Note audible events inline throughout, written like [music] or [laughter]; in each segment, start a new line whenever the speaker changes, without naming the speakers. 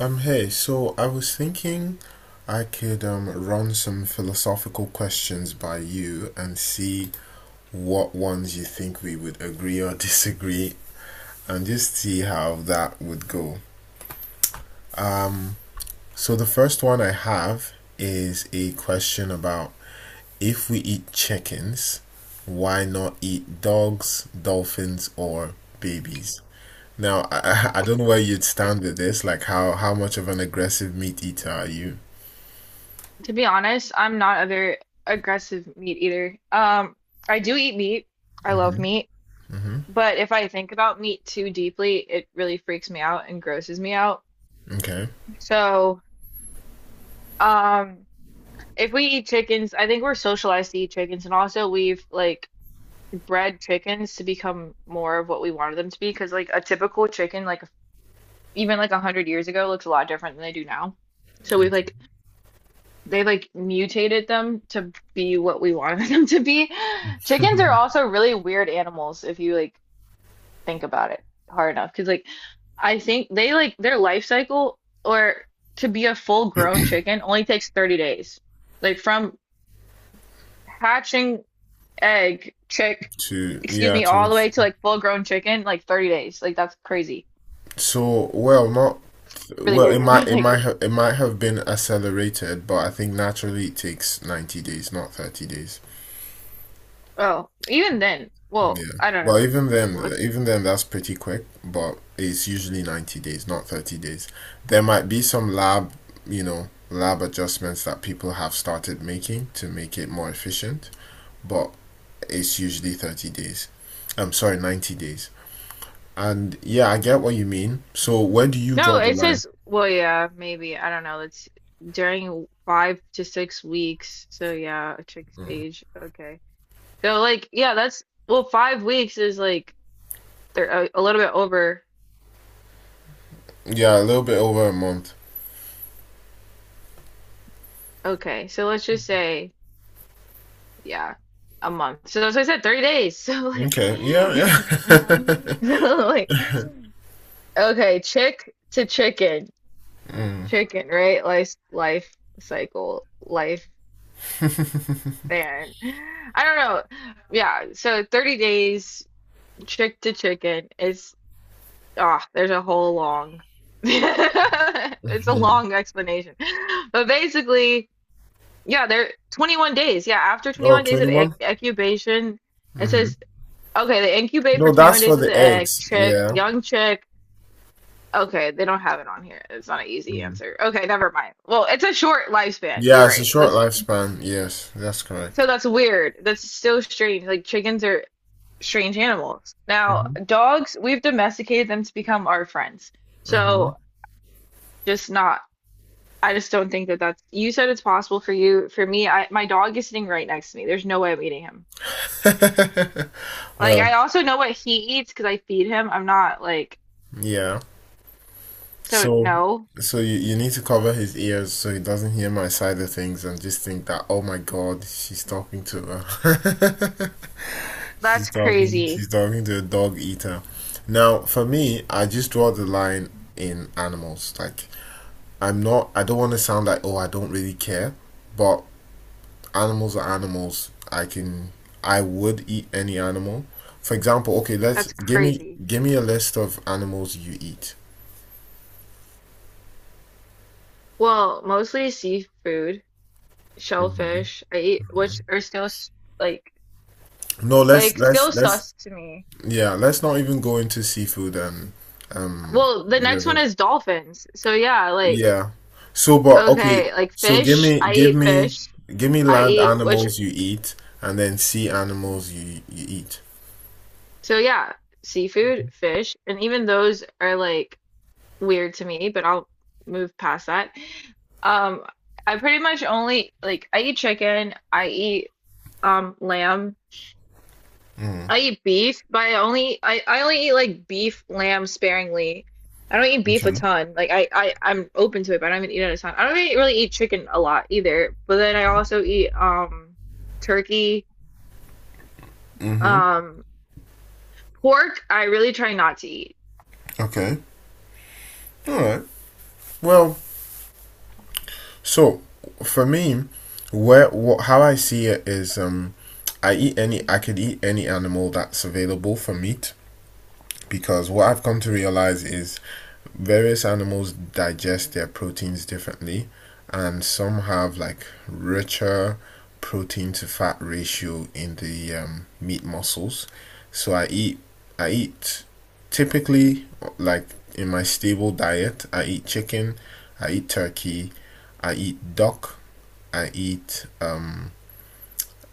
Hey, so I was thinking I could run some philosophical questions by you and see what ones you think we would agree or [laughs] disagree, and just see how that would go. So the first one I have is a question about, if we eat chickens, why not eat dogs, dolphins, or babies? Now, [laughs] I don't know where you'd stand with this. Like, how much of an aggressive meat eater are you?
To be honest, I'm not a very aggressive meat eater. I do eat meat. I love
Hmm.
meat. But if I think about meat too deeply, it really freaks me out and grosses me out.
Okay.
So, um, if we eat chickens, I think we're socialized to eat chickens, and also we've like bred chickens to become more of what we wanted them to be. Because like a typical chicken, like even like 100 years ago, looks a lot different than they do now. So we've like they like mutated them to be what we wanted [laughs] them to be. Chickens are
[laughs]
also really weird animals if you like think about it hard enough. Because like I think they like their life cycle or to be a full grown chicken only takes 30 days. Like from hatching egg, chick,
To
excuse
yeah
me,
to
all the way to like full grown chicken, like 30 days. Like that's crazy.
so well not
Really
well, it
weird.
might
[laughs]
it
Like,
might have it might have been accelerated, but I think naturally it takes 90 days, not 30 days.
oh, even then, well,
Yeah.
I don't
Well,
know.
even then, that's pretty quick, but it's usually 90 days, not 30 days. There might be some lab adjustments that people have started making to make it more efficient, but it's usually 30 days. I'm sorry, 90 days. And yeah, I get what you mean. So where do you
No,
draw the
it
line?
says, well, yeah, maybe. I don't know. It's during 5 to 6 weeks. So, yeah, a chick stage. Okay. So, like, yeah, that's, well, 5 weeks is like they're a little bit over.
Yeah, a little bit over a month.
Okay. So, let's just say, yeah, a month. So, that's what I said, 30 days. [laughs] So, like,
Okay.
[laughs]
Yeah, yeah. [laughs]
so, like, okay, chick to chicken,
Mm.
chicken, right? Life, life cycle, life. Man, I don't know. Yeah, so 30 days chick to chicken is there's a whole long [laughs] it's a
Mhm.
long explanation. But basically, yeah, they're 21 days. Yeah, after
Oh,
21 days of
21?
incubation, it
Mm-hmm.
says okay, they incubate
No,
for 21
that's for
days as an
the
egg,
eggs.
chick,
Yeah.
young chick. Okay, they don't have it on here. It's not an easy
Mm.
answer. Okay, never mind. Well, it's a short lifespan.
Yeah,
You're
it's a
right.
short
Let's
lifespan. Yes, that's correct.
so that's weird. That's so strange. Like chickens are strange animals. Now,
Hmm.
dogs, we've domesticated them to become our friends.
Hmm.
So, just not, I just don't think that that's, you said it's possible for you. For me, my dog is sitting right next to me. There's no way I'm eating him.
[laughs]
Like,
Well,
I also know what he eats because I feed him. I'm not like,
yeah.
so
So,
no,
so, you need to cover his ears so he doesn't hear my side of things and just think that, oh my God, she's talking to her. [laughs] She's
that's
talking.
crazy.
She's talking to a dog eater. Now, for me, I just draw the line in animals. Like, I'm not. I don't want to sound like, oh, I don't really care. But animals are animals. I can. I would eat any animal. For example, okay, let's
That's crazy.
give me a list of animals you eat.
Well, mostly seafood,
Hmm.
shellfish, I eat, which are still like,
No,
like still
let's
sus to me.
yeah, let's not even go into seafood and um
Well, the next one
river.
is dolphins. So yeah, like
Yeah. So, but okay.
okay, like
So
fish. I eat fish.
give me
I
land
eat which
animals you eat, and then sea animals you eat.
so yeah, seafood, fish, and even those are like weird to me, but I'll move past that. Um, I pretty much only like I eat chicken, I eat lamb.
Mm.
I eat beef, but I only eat like beef, lamb sparingly. I don't eat beef
Okay.
a ton. Like I'm open to it, but I don't eat it a ton. I don't really, really eat chicken a lot either. But then I also eat turkey.
Hmm.
um. Pork, I really try not to eat.
Okay. All right. Well, so for me, where what how I see it is, I could eat any animal that's available for meat, because what I've come to realize is various animals digest their proteins differently, and some have like richer protein to fat ratio in the meat muscles. So I eat typically, like in my stable diet. I eat chicken, I eat turkey, I eat duck, I eat um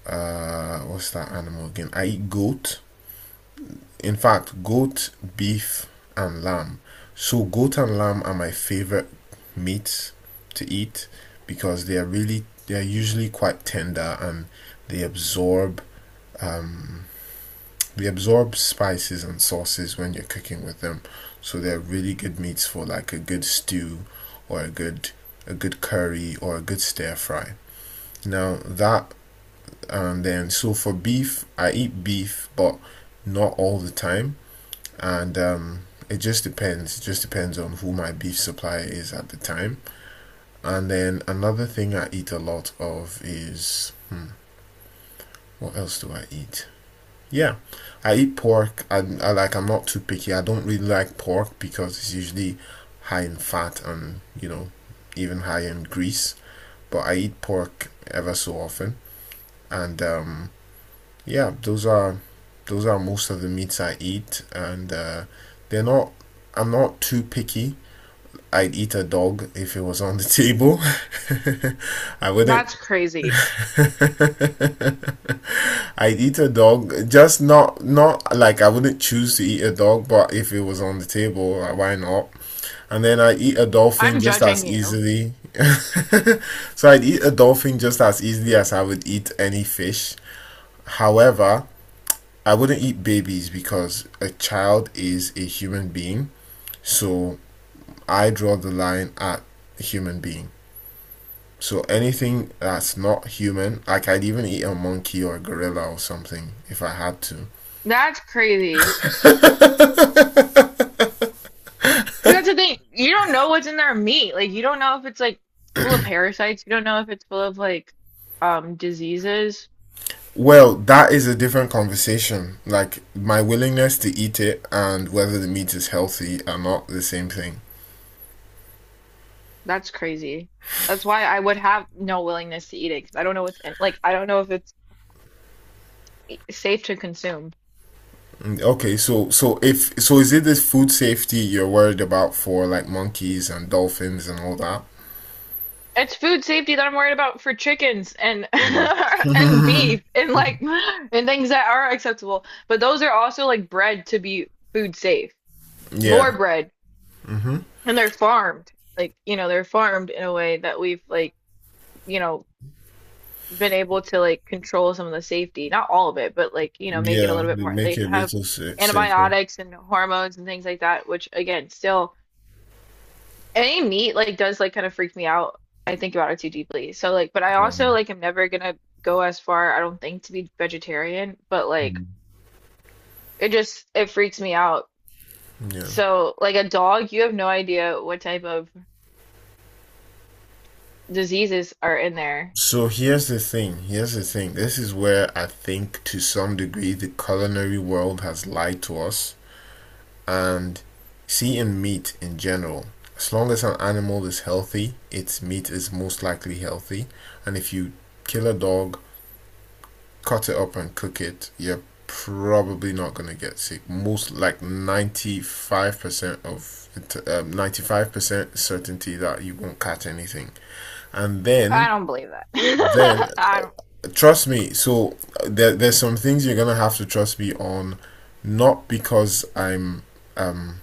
uh what's that animal again? I eat goat, in fact, goat, beef, and lamb. So, goat and lamb are my favorite meats to eat because they are usually quite tender, and they absorb um, they absorb spices and sauces when you're cooking with them. So they're really good meats for like a good stew or a good, a good curry, or a good stir fry. Now that and then so, for beef, I eat beef but not all the time, and it just depends. It just depends on who my beef supplier is at the time. And then another thing I eat a lot of is, what else do I eat? Yeah, I eat pork. I like. I'm not too picky. I don't really like pork because it's usually high in fat and, even high in grease. But I eat pork ever so often, and yeah, those are most of the meats I eat, and they're not. I'm not too picky. I'd eat a dog if it was on the table. [laughs] I wouldn't.
That's crazy.
[laughs] I'd eat a dog, just not like I wouldn't choose to eat a dog, but if it was on the table, like, why not? And then I eat a dolphin
I'm
just
judging
as
you.
easily. [laughs] So I'd eat a dolphin just as easily as I would eat any fish. However, I wouldn't eat babies because a child is a human being. So I draw the line at human being. So anything that's not human, like I'd even eat a monkey or a gorilla or something if I had to.
That's crazy. 'Cause that's the thing. You don't know what's in their meat. Like you don't know if it's like full of parasites. You don't know if it's full of like diseases.
Well, that is a different conversation. Like, my willingness to eat it and whether the meat is healthy are not the same thing.
That's crazy. That's why I would have no willingness to eat it 'cause I don't know what's in like I don't know if it's safe to consume.
Okay, so so if so is it this food safety you're worried about for like monkeys and dolphins and all that?
It's food safety that I'm worried about for chickens and [laughs] and
Mhm.
beef and like and things that are acceptable. But those are also like bred to be food safe.
[laughs] Yeah.
More bred.
Hmm.
And they're farmed. Like, you know, they're farmed in a way that we've like, you know, been able to like control some of the safety. Not all of it, but like, you know, make it a
Yeah,
little bit
they
more
make
like
it a
have
little safer.
antibiotics and hormones and things like that, which again, still any meat like does like kind of freak me out. I think about it too deeply. So like, but I
Yeah.
also like am never gonna go as far, I don't think, to be vegetarian, but like
Mm.
it just it freaks me out.
Yeah.
So like a dog, you have no idea what type of diseases are in there.
So here's the thing. Here's the thing. This is where I think, to some degree, the culinary world has lied to us. And, see, in meat in general, as long as an animal is healthy, its meat is most likely healthy. And if you kill a dog, cut it up, and cook it, you're probably not going to get sick. Most like 95% certainty that you won't catch anything. And
I
then,
don't believe that.
then,
[laughs] I don't
trust me. So there's some things you're gonna have to trust me on, not because I'm, um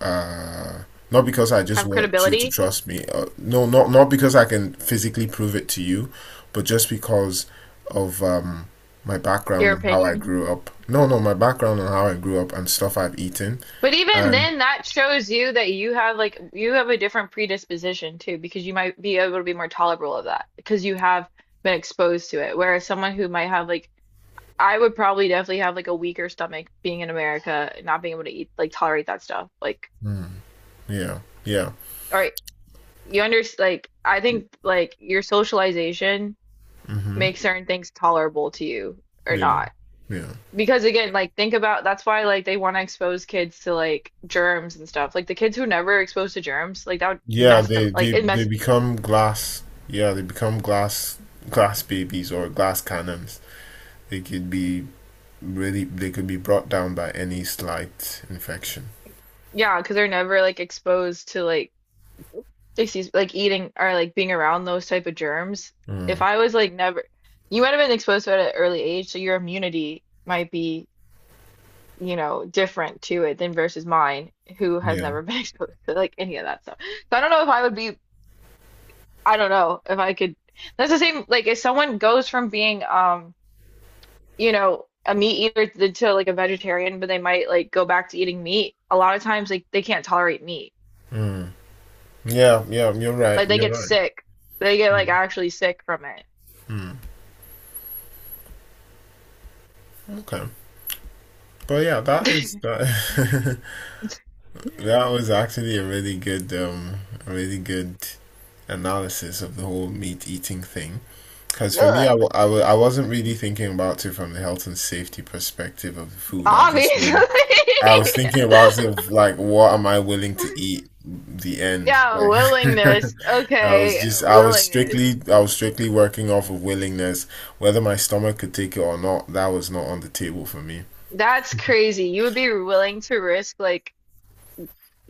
uh not because I just
have
want you to
credibility,
trust me. No, not because I can physically prove it to you, but just because of, my
your
background and how I
opinion.
grew up. No, no, my background and how I grew up and stuff I've eaten,
But even
and
then, that shows you that you have like you have a different predisposition too, because you might be able to be more tolerable of that because you have been exposed to it. Whereas someone who might have like I would probably definitely have like a weaker stomach being in America, not being able to eat like tolerate that stuff. Like,
mm, yeah, yeah,
or you under like I think like your socialization
mm-hmm,
makes certain things tolerable to you or
yeah,
not.
yeah.
Because again, like think about that's why like they want to expose kids to like germs and stuff. Like the kids who never exposed to germs, like that would
Yeah,
mess them.
they,
Like
they
it
they
mess
become glass. Yeah, they become glass babies, or glass cannons. They could be really. They could be brought down by any slight infection.
yeah, because they're never like exposed to like excuse like eating or like being around those type of germs. If
Mm.
I was like never, you might have been exposed to it at an early age, so your immunity might be, you know, different to it than versus mine, who has
Yeah.
never been [laughs] exposed to like any of that stuff. So I don't know if I would be, I don't know if I could. That's the same, like if someone goes from being, you know, a meat eater to, like a vegetarian, but they might like go back to eating meat. A lot of times, like they can't tolerate meat.
Mm. Yeah. Yeah. You're right.
Like they
You're
get
right.
sick. They get like
Mm.
actually sick from
Mm. Okay. But yeah, that is
it.
that. [laughs] That
[laughs]
was actually a really good, a really good analysis of the whole meat eating thing. Because for me, I,
Look,
w I, w I wasn't really thinking about it from the health and safety perspective of the food. I just
obviously.
mean, I was thinking about it of like, what am I willing to eat?
[laughs]
The end.
Yeah,
Like,
willingness.
[laughs]
Okay,
I was
willingness.
strictly, I was strictly working off of willingness. Whether my stomach could take it or not, that was not on the table for me.
That's crazy. You would be willing to risk like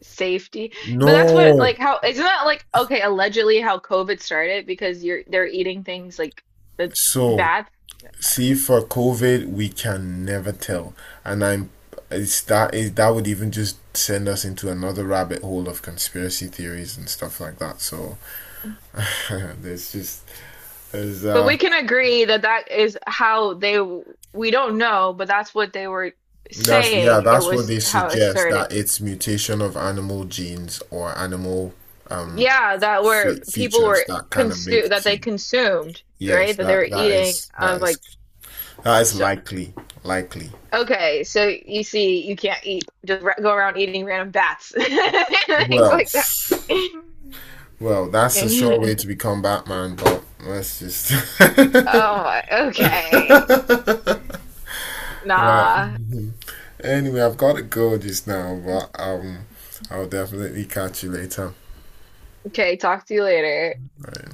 safety. But that's what like
No.
how isn't that like okay, allegedly how COVID started because you're they're eating things like the
So,
bad.
see, for COVID, we can never tell, and I'm it's that it, that would even just send us into another rabbit hole of conspiracy theories and stuff like that. So [laughs] there's just there's
But we can agree that that is how they we don't know, but that's what they were
that's yeah
saying. It
that's what
was
they
how it
suggest,
started.
that it's mutation of animal genes or animal um
Yeah, that were
fe
people
features
were
that kind of make
consume that they
it.
consumed,
Yes,
right? That they were eating. I'm like,
that is
so
likely, likely.
okay, so you see, you can't eat just ra go around eating random bats [laughs] and
Who
things like that.
else?
[laughs]
Well, that's a sure way to become Batman, but let's just [laughs]
Oh, okay. Nah.
right. Anyway, I've got to go just now, but I'll definitely catch you later.
Okay, talk to you later.
Right.